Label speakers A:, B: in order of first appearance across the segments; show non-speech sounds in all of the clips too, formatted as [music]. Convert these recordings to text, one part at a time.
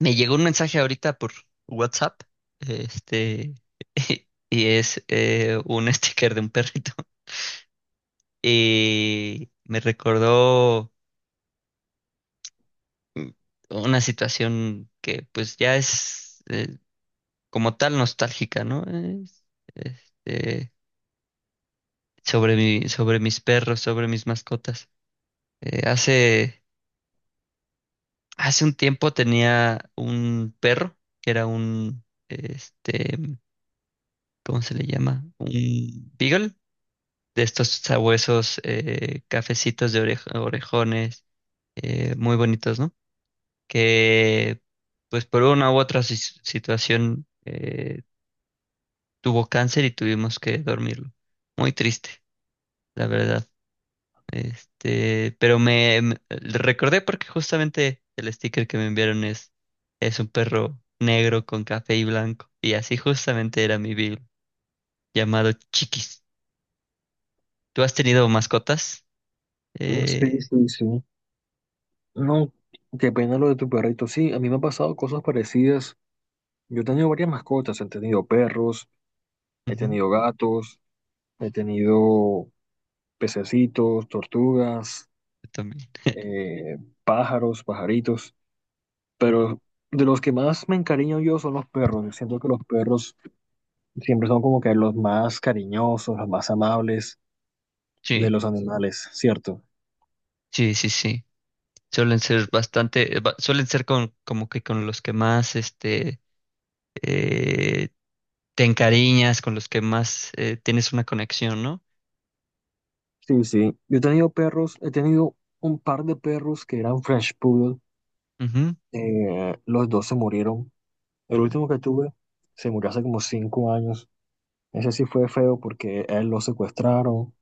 A: Me llegó un mensaje ahorita por WhatsApp, este, [laughs] y es un [laughs] sticker de un perrito. [laughs] Y me recordó una situación que pues ya es como tal nostálgica, ¿no? Es, este, sobre mis perros, sobre mis mascotas. Eh, hace, hace un tiempo tenía un perro que era este, ¿cómo se le llama? Un beagle de estos sabuesos cafecitos de orejones, muy bonitos, ¿no? Que pues por una u otra situación tuvo cáncer y tuvimos que dormirlo. Muy triste, la verdad. Recordé porque justamente el sticker que me enviaron es un perro negro con café y blanco. Y así justamente era mi Bill, llamado Chiquis. ¿Tú has tenido mascotas?
B: Mm, sí,
A: Eh,
B: sí, sí. No, qué pena lo de tu perrito. Sí, a mí me han pasado cosas parecidas. Yo he tenido varias mascotas. He tenido perros, he
A: ujú,
B: tenido gatos, he tenido pececitos, tortugas,
A: yo también.
B: eh, pájaros, pajaritos. Pero de los que más me encariño yo son los perros. Yo siento que los perros siempre son como que los más cariñosos, los más amables de
A: Sí,
B: los animales, ¿cierto?
A: sí, sí, sí. Suelen ser bastante, suelen ser como que con los que más, eh, te encariñas, con los que más tienes una conexión, ¿no?
B: Sí, sí. Yo he tenido perros, he tenido un par de perros que eran French Poodle,
A: Ujú.
B: los dos se murieron. El último que tuve se murió hace como cinco años. Ese sí fue feo porque a él lo secuestraron,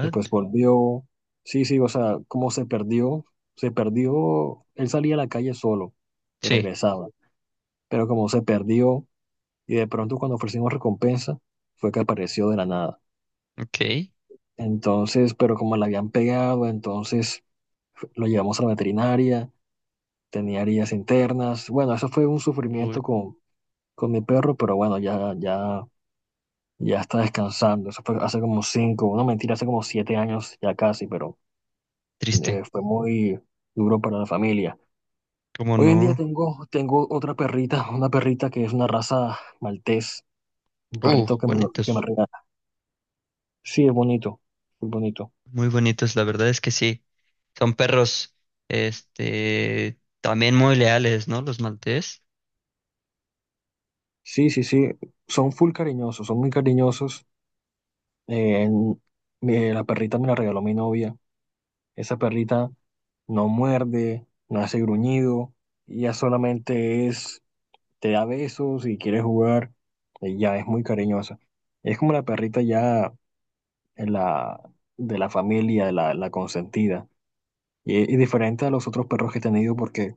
B: después volvió. Sí, sí, o sea, como se perdió, él salía a la calle solo y
A: Sí,
B: regresaba, pero como se perdió y de pronto cuando ofrecimos recompensa, fue que apareció de la nada.
A: ok.
B: Entonces, pero como le habían pegado, entonces lo llevamos a la veterinaria, tenía heridas internas. Bueno, eso fue un
A: Uy,
B: sufrimiento con mi perro, pero bueno, ya, ya, ya está descansando. Eso fue hace como cinco, no mentira, hace como siete años ya casi, pero
A: triste.
B: fue muy duro para la familia.
A: ¿Cómo
B: Hoy en día
A: no?
B: tengo otra perrita, [laughs] una perrita que es una raza maltés, un perrito que me
A: Bonitos,
B: regala. Sí, es bonito, muy bonito.
A: muy bonitos, la verdad es que sí. Son perros, también muy leales, ¿no? Los maltés.
B: Sí, sí, sí, son full cariñosos, son muy cariñosos. Eh, en- la perrita me la regaló mi novia. Esa perrita no muerde, no hace gruñido, ella solamente es te da besos y quiere jugar, ella es muy cariñosa. Es como la perrita ya en la, de la familia, la consentida. Y diferente a los otros perros que he tenido, porque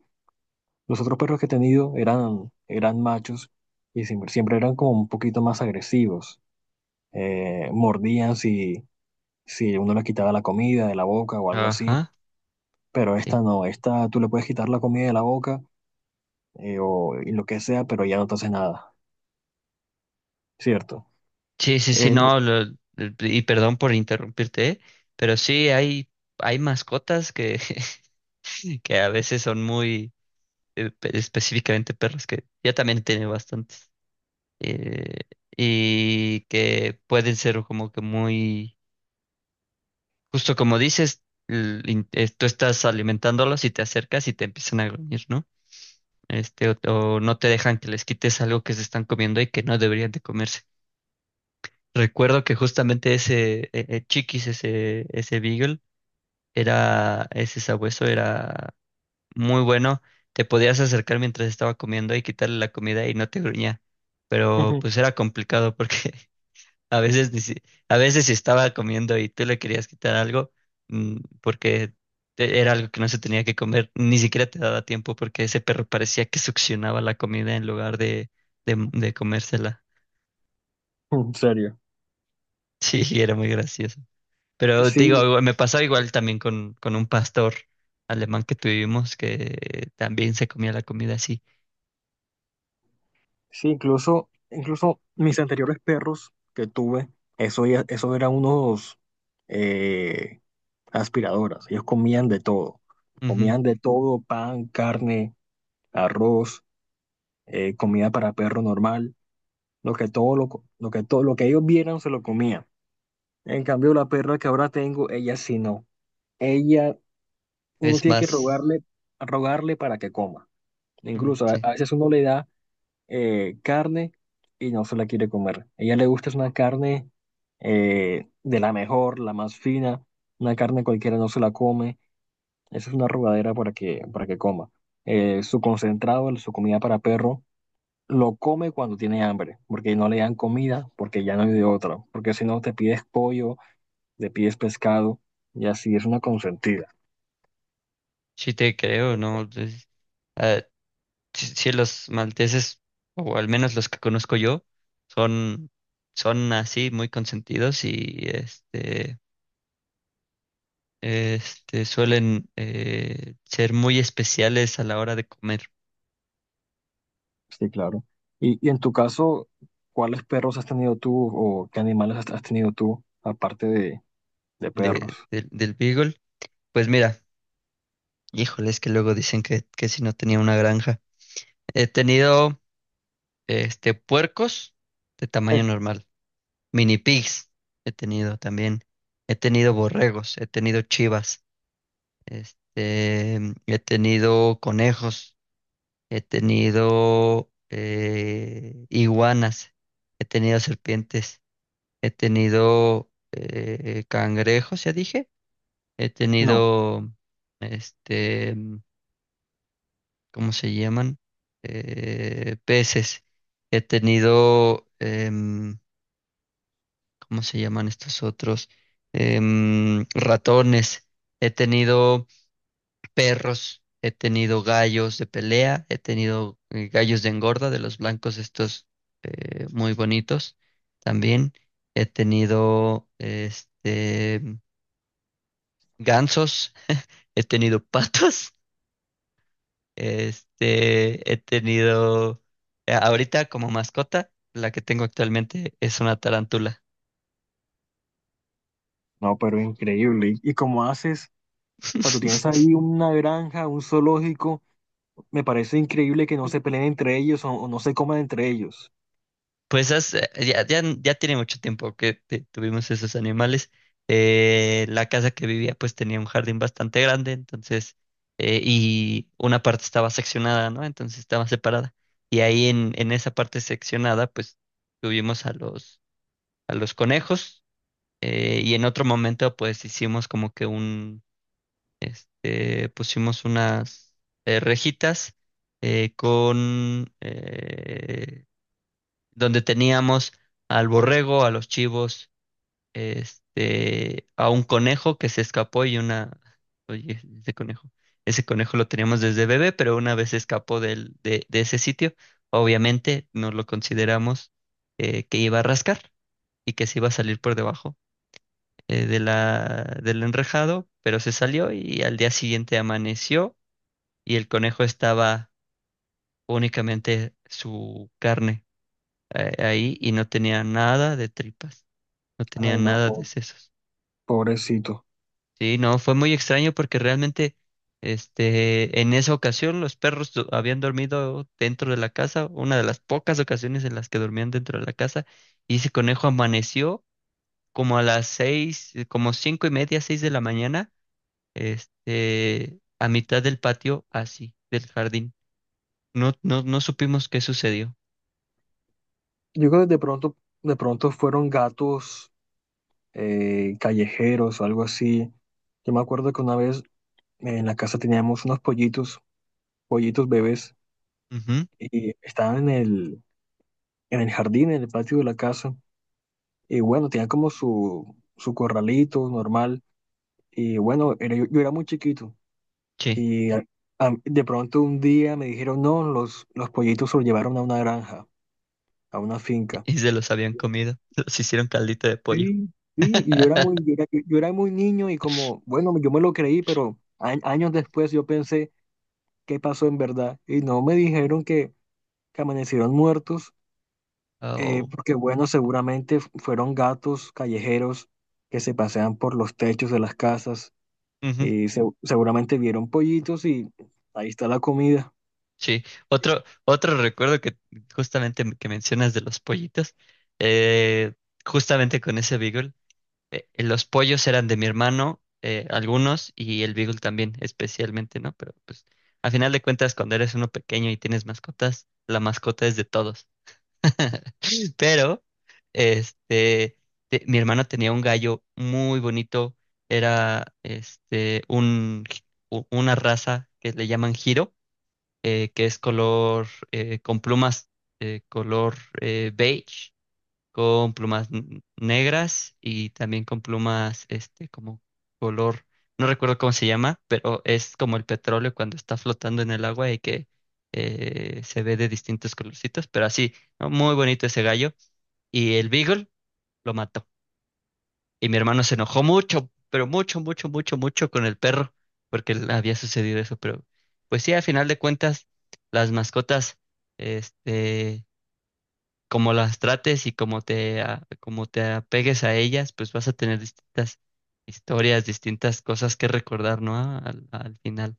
B: los otros perros que he tenido eran machos y siempre eran como un poquito más agresivos. Mordían si uno le quitaba la comida de la boca o algo así,
A: Ajá.
B: pero
A: Sí.
B: esta no, esta tú le puedes quitar la comida de la boca, o y lo que sea, pero ya no te hace nada, ¿cierto?
A: Sí, sí, sí,
B: Eh,
A: no, y perdón por interrumpirte, ¿eh? Pero hay mascotas que, [laughs] que a veces son muy, específicamente perros, que yo también he tenido bastantes, eh, y que pueden ser como que muy, justo como dices, tú estás alimentándolos y te acercas y te empiezan a gruñir, ¿no? O o, no te dejan que les quites algo que se están comiendo y que no deberían de comerse. Recuerdo que justamente ese Chiquis, ese Beagle, era, ese sabueso era muy bueno. Te podías acercar mientras estaba comiendo y quitarle la comida y no te gruñía. Pero
B: Ujú.
A: pues era complicado porque [laughs] a veces ni si- a veces si estaba comiendo y tú le querías quitar algo, porque era algo que no se tenía que comer, ni siquiera te daba tiempo porque ese perro parecía que succionaba la comida en lugar de comérsela. [laughs]
B: En serio.
A: Sí, era muy gracioso. Pero te
B: Sí,
A: digo, me pasaba igual también con un pastor alemán que tuvimos que también se comía la comida así.
B: sí, incluso mis anteriores perros que tuve, eso eran unos eh, aspiradoras. Ellos comían de todo.
A: Ujú.
B: Comían de todo, pan, carne, arroz, comida para perro normal. Lo que todo lo, co- lo que todo, lo que ellos vieran se lo comían. En cambio, la perra que ahora tengo, ella sí no. Ella, uno
A: Es
B: tiene que
A: más,
B: rogarle, rogarle para que coma. Incluso
A: sí,
B: a veces uno le da carne y no se la quiere comer. Ella le gusta es una carne, de la mejor, la más fina, una carne cualquiera no se la come, eso es una arrugadera para que coma. Su concentrado, su comida para perro, lo come cuando tiene hambre, porque no le dan comida, porque ya no hay de otra, porque si no te pides pollo, te pides pescado, y así es una consentida.
A: sí te creo, ¿no? Ah, sí, sí los malteses, o al menos los que conozco yo, son, son así muy consentidos y este suelen ser muy especiales a la hora de comer
B: Sí, claro. Y en tu caso, ¿cuáles perros has tenido tú o qué animales has tenido tú, aparte de perros?
A: del Beagle. Pues mira. Híjole, es que luego dicen que si no tenía una granja. He tenido puercos de tamaño
B: Eh,
A: normal, mini pigs he tenido también. He tenido borregos, he tenido chivas, este, he tenido conejos, he tenido iguanas, he tenido serpientes, he tenido cangrejos, ya dije, he
B: No,
A: tenido este ¿cómo se llaman? Peces. He tenido, em, ¿Cómo se llaman estos otros? Ratones. He tenido perros. He tenido gallos de pelea. He tenido gallos de engorda, de los blancos estos muy bonitos. También he tenido gansos. He tenido [laughs] patos. Este, he tenido, ahorita como mascota, la que tengo actualmente es una tarántula.
B: no, pero increíble. Y como haces, o sea, tú tienes
A: [laughs]
B: ahí una granja, un zoológico, me parece increíble que no se peleen entre ellos o no se coman entre ellos.
A: Pues ya tiene mucho tiempo que tuvimos esos animales. La casa que vivía pues tenía un jardín bastante grande, entonces, y una parte estaba seccionada, ¿no? Entonces estaba separada. Y ahí en esa parte seccionada pues tuvimos a los conejos y en otro momento pues hicimos como que, pusimos unas rejitas con donde teníamos al borrego, a los chivos, a un conejo que se escapó y una, oye, ese conejo lo teníamos desde bebé, pero una vez se escapó de ese sitio, obviamente nos lo consideramos que iba a rascar y que se iba a salir por debajo del enrejado, pero se salió y al día siguiente amaneció y el conejo estaba únicamente su carne ahí y no tenía nada de tripas, no tenía
B: Ay, no,
A: nada de sesos.
B: pobrecito.
A: Sí, no, fue muy extraño porque realmente en esa ocasión los perros habían dormido dentro de la casa, una de las pocas ocasiones en las que dormían dentro de la casa, y ese conejo amaneció como a las seis, como cinco y media, seis de la mañana, a mitad del patio, así, del jardín. No supimos qué sucedió.
B: Yo creo que de pronto fueron gatos callejeros o algo así. Yo me acuerdo que una vez, en la casa teníamos unos pollitos, pollitos bebés,
A: Ujú,
B: y estaban en el jardín, en el patio de la casa. Y bueno, tenían como su corralito normal. Y bueno, era, yo era muy chiquito
A: sí,
B: y de pronto un día me dijeron, no, los pollitos se los llevaron a una granja, a una
A: [laughs]
B: finca.
A: y se los habían comido. [laughs] Los hicieron caldito de pollo.
B: Sí, sí, y
A: [laughs]
B: yo era muy niño y como, bueno, yo me lo creí, pero años después yo pensé qué pasó en verdad y no me dijeron que amanecieron muertos,
A: Oh,
B: porque bueno, seguramente fueron gatos callejeros que se pasean por los techos de las casas
A: ujú,
B: y seguramente vieron pollitos y ahí está la comida.
A: sí. Otro recuerdo que justamente que mencionas de los pollitos, eh, justamente con ese Beagle, los pollos eran de mi hermano, algunos, y el Beagle también, especialmente, ¿no? Pero pues, a final de cuentas, cuando eres uno pequeño y tienes mascotas, la mascota es de todos. Pero, este, mi hermano tenía un gallo muy bonito, era una raza que le llaman giro, que es color, con plumas, color beige, con plumas negras y también con plumas, como color, no recuerdo cómo se llama, pero es como el petróleo cuando está flotando en el agua y que se ve de distintos colorcitos, pero así, ¿no? Muy bonito ese gallo y el Beagle lo mató. Y mi hermano se enojó mucho, pero mucho, mucho, mucho, mucho con el perro, porque le había sucedido eso. Pero pues sí, a final de cuentas, las mascotas, este, como las trates y como te apegues a ellas, pues vas a tener distintas historias, distintas cosas que recordar, ¿no? Al al final.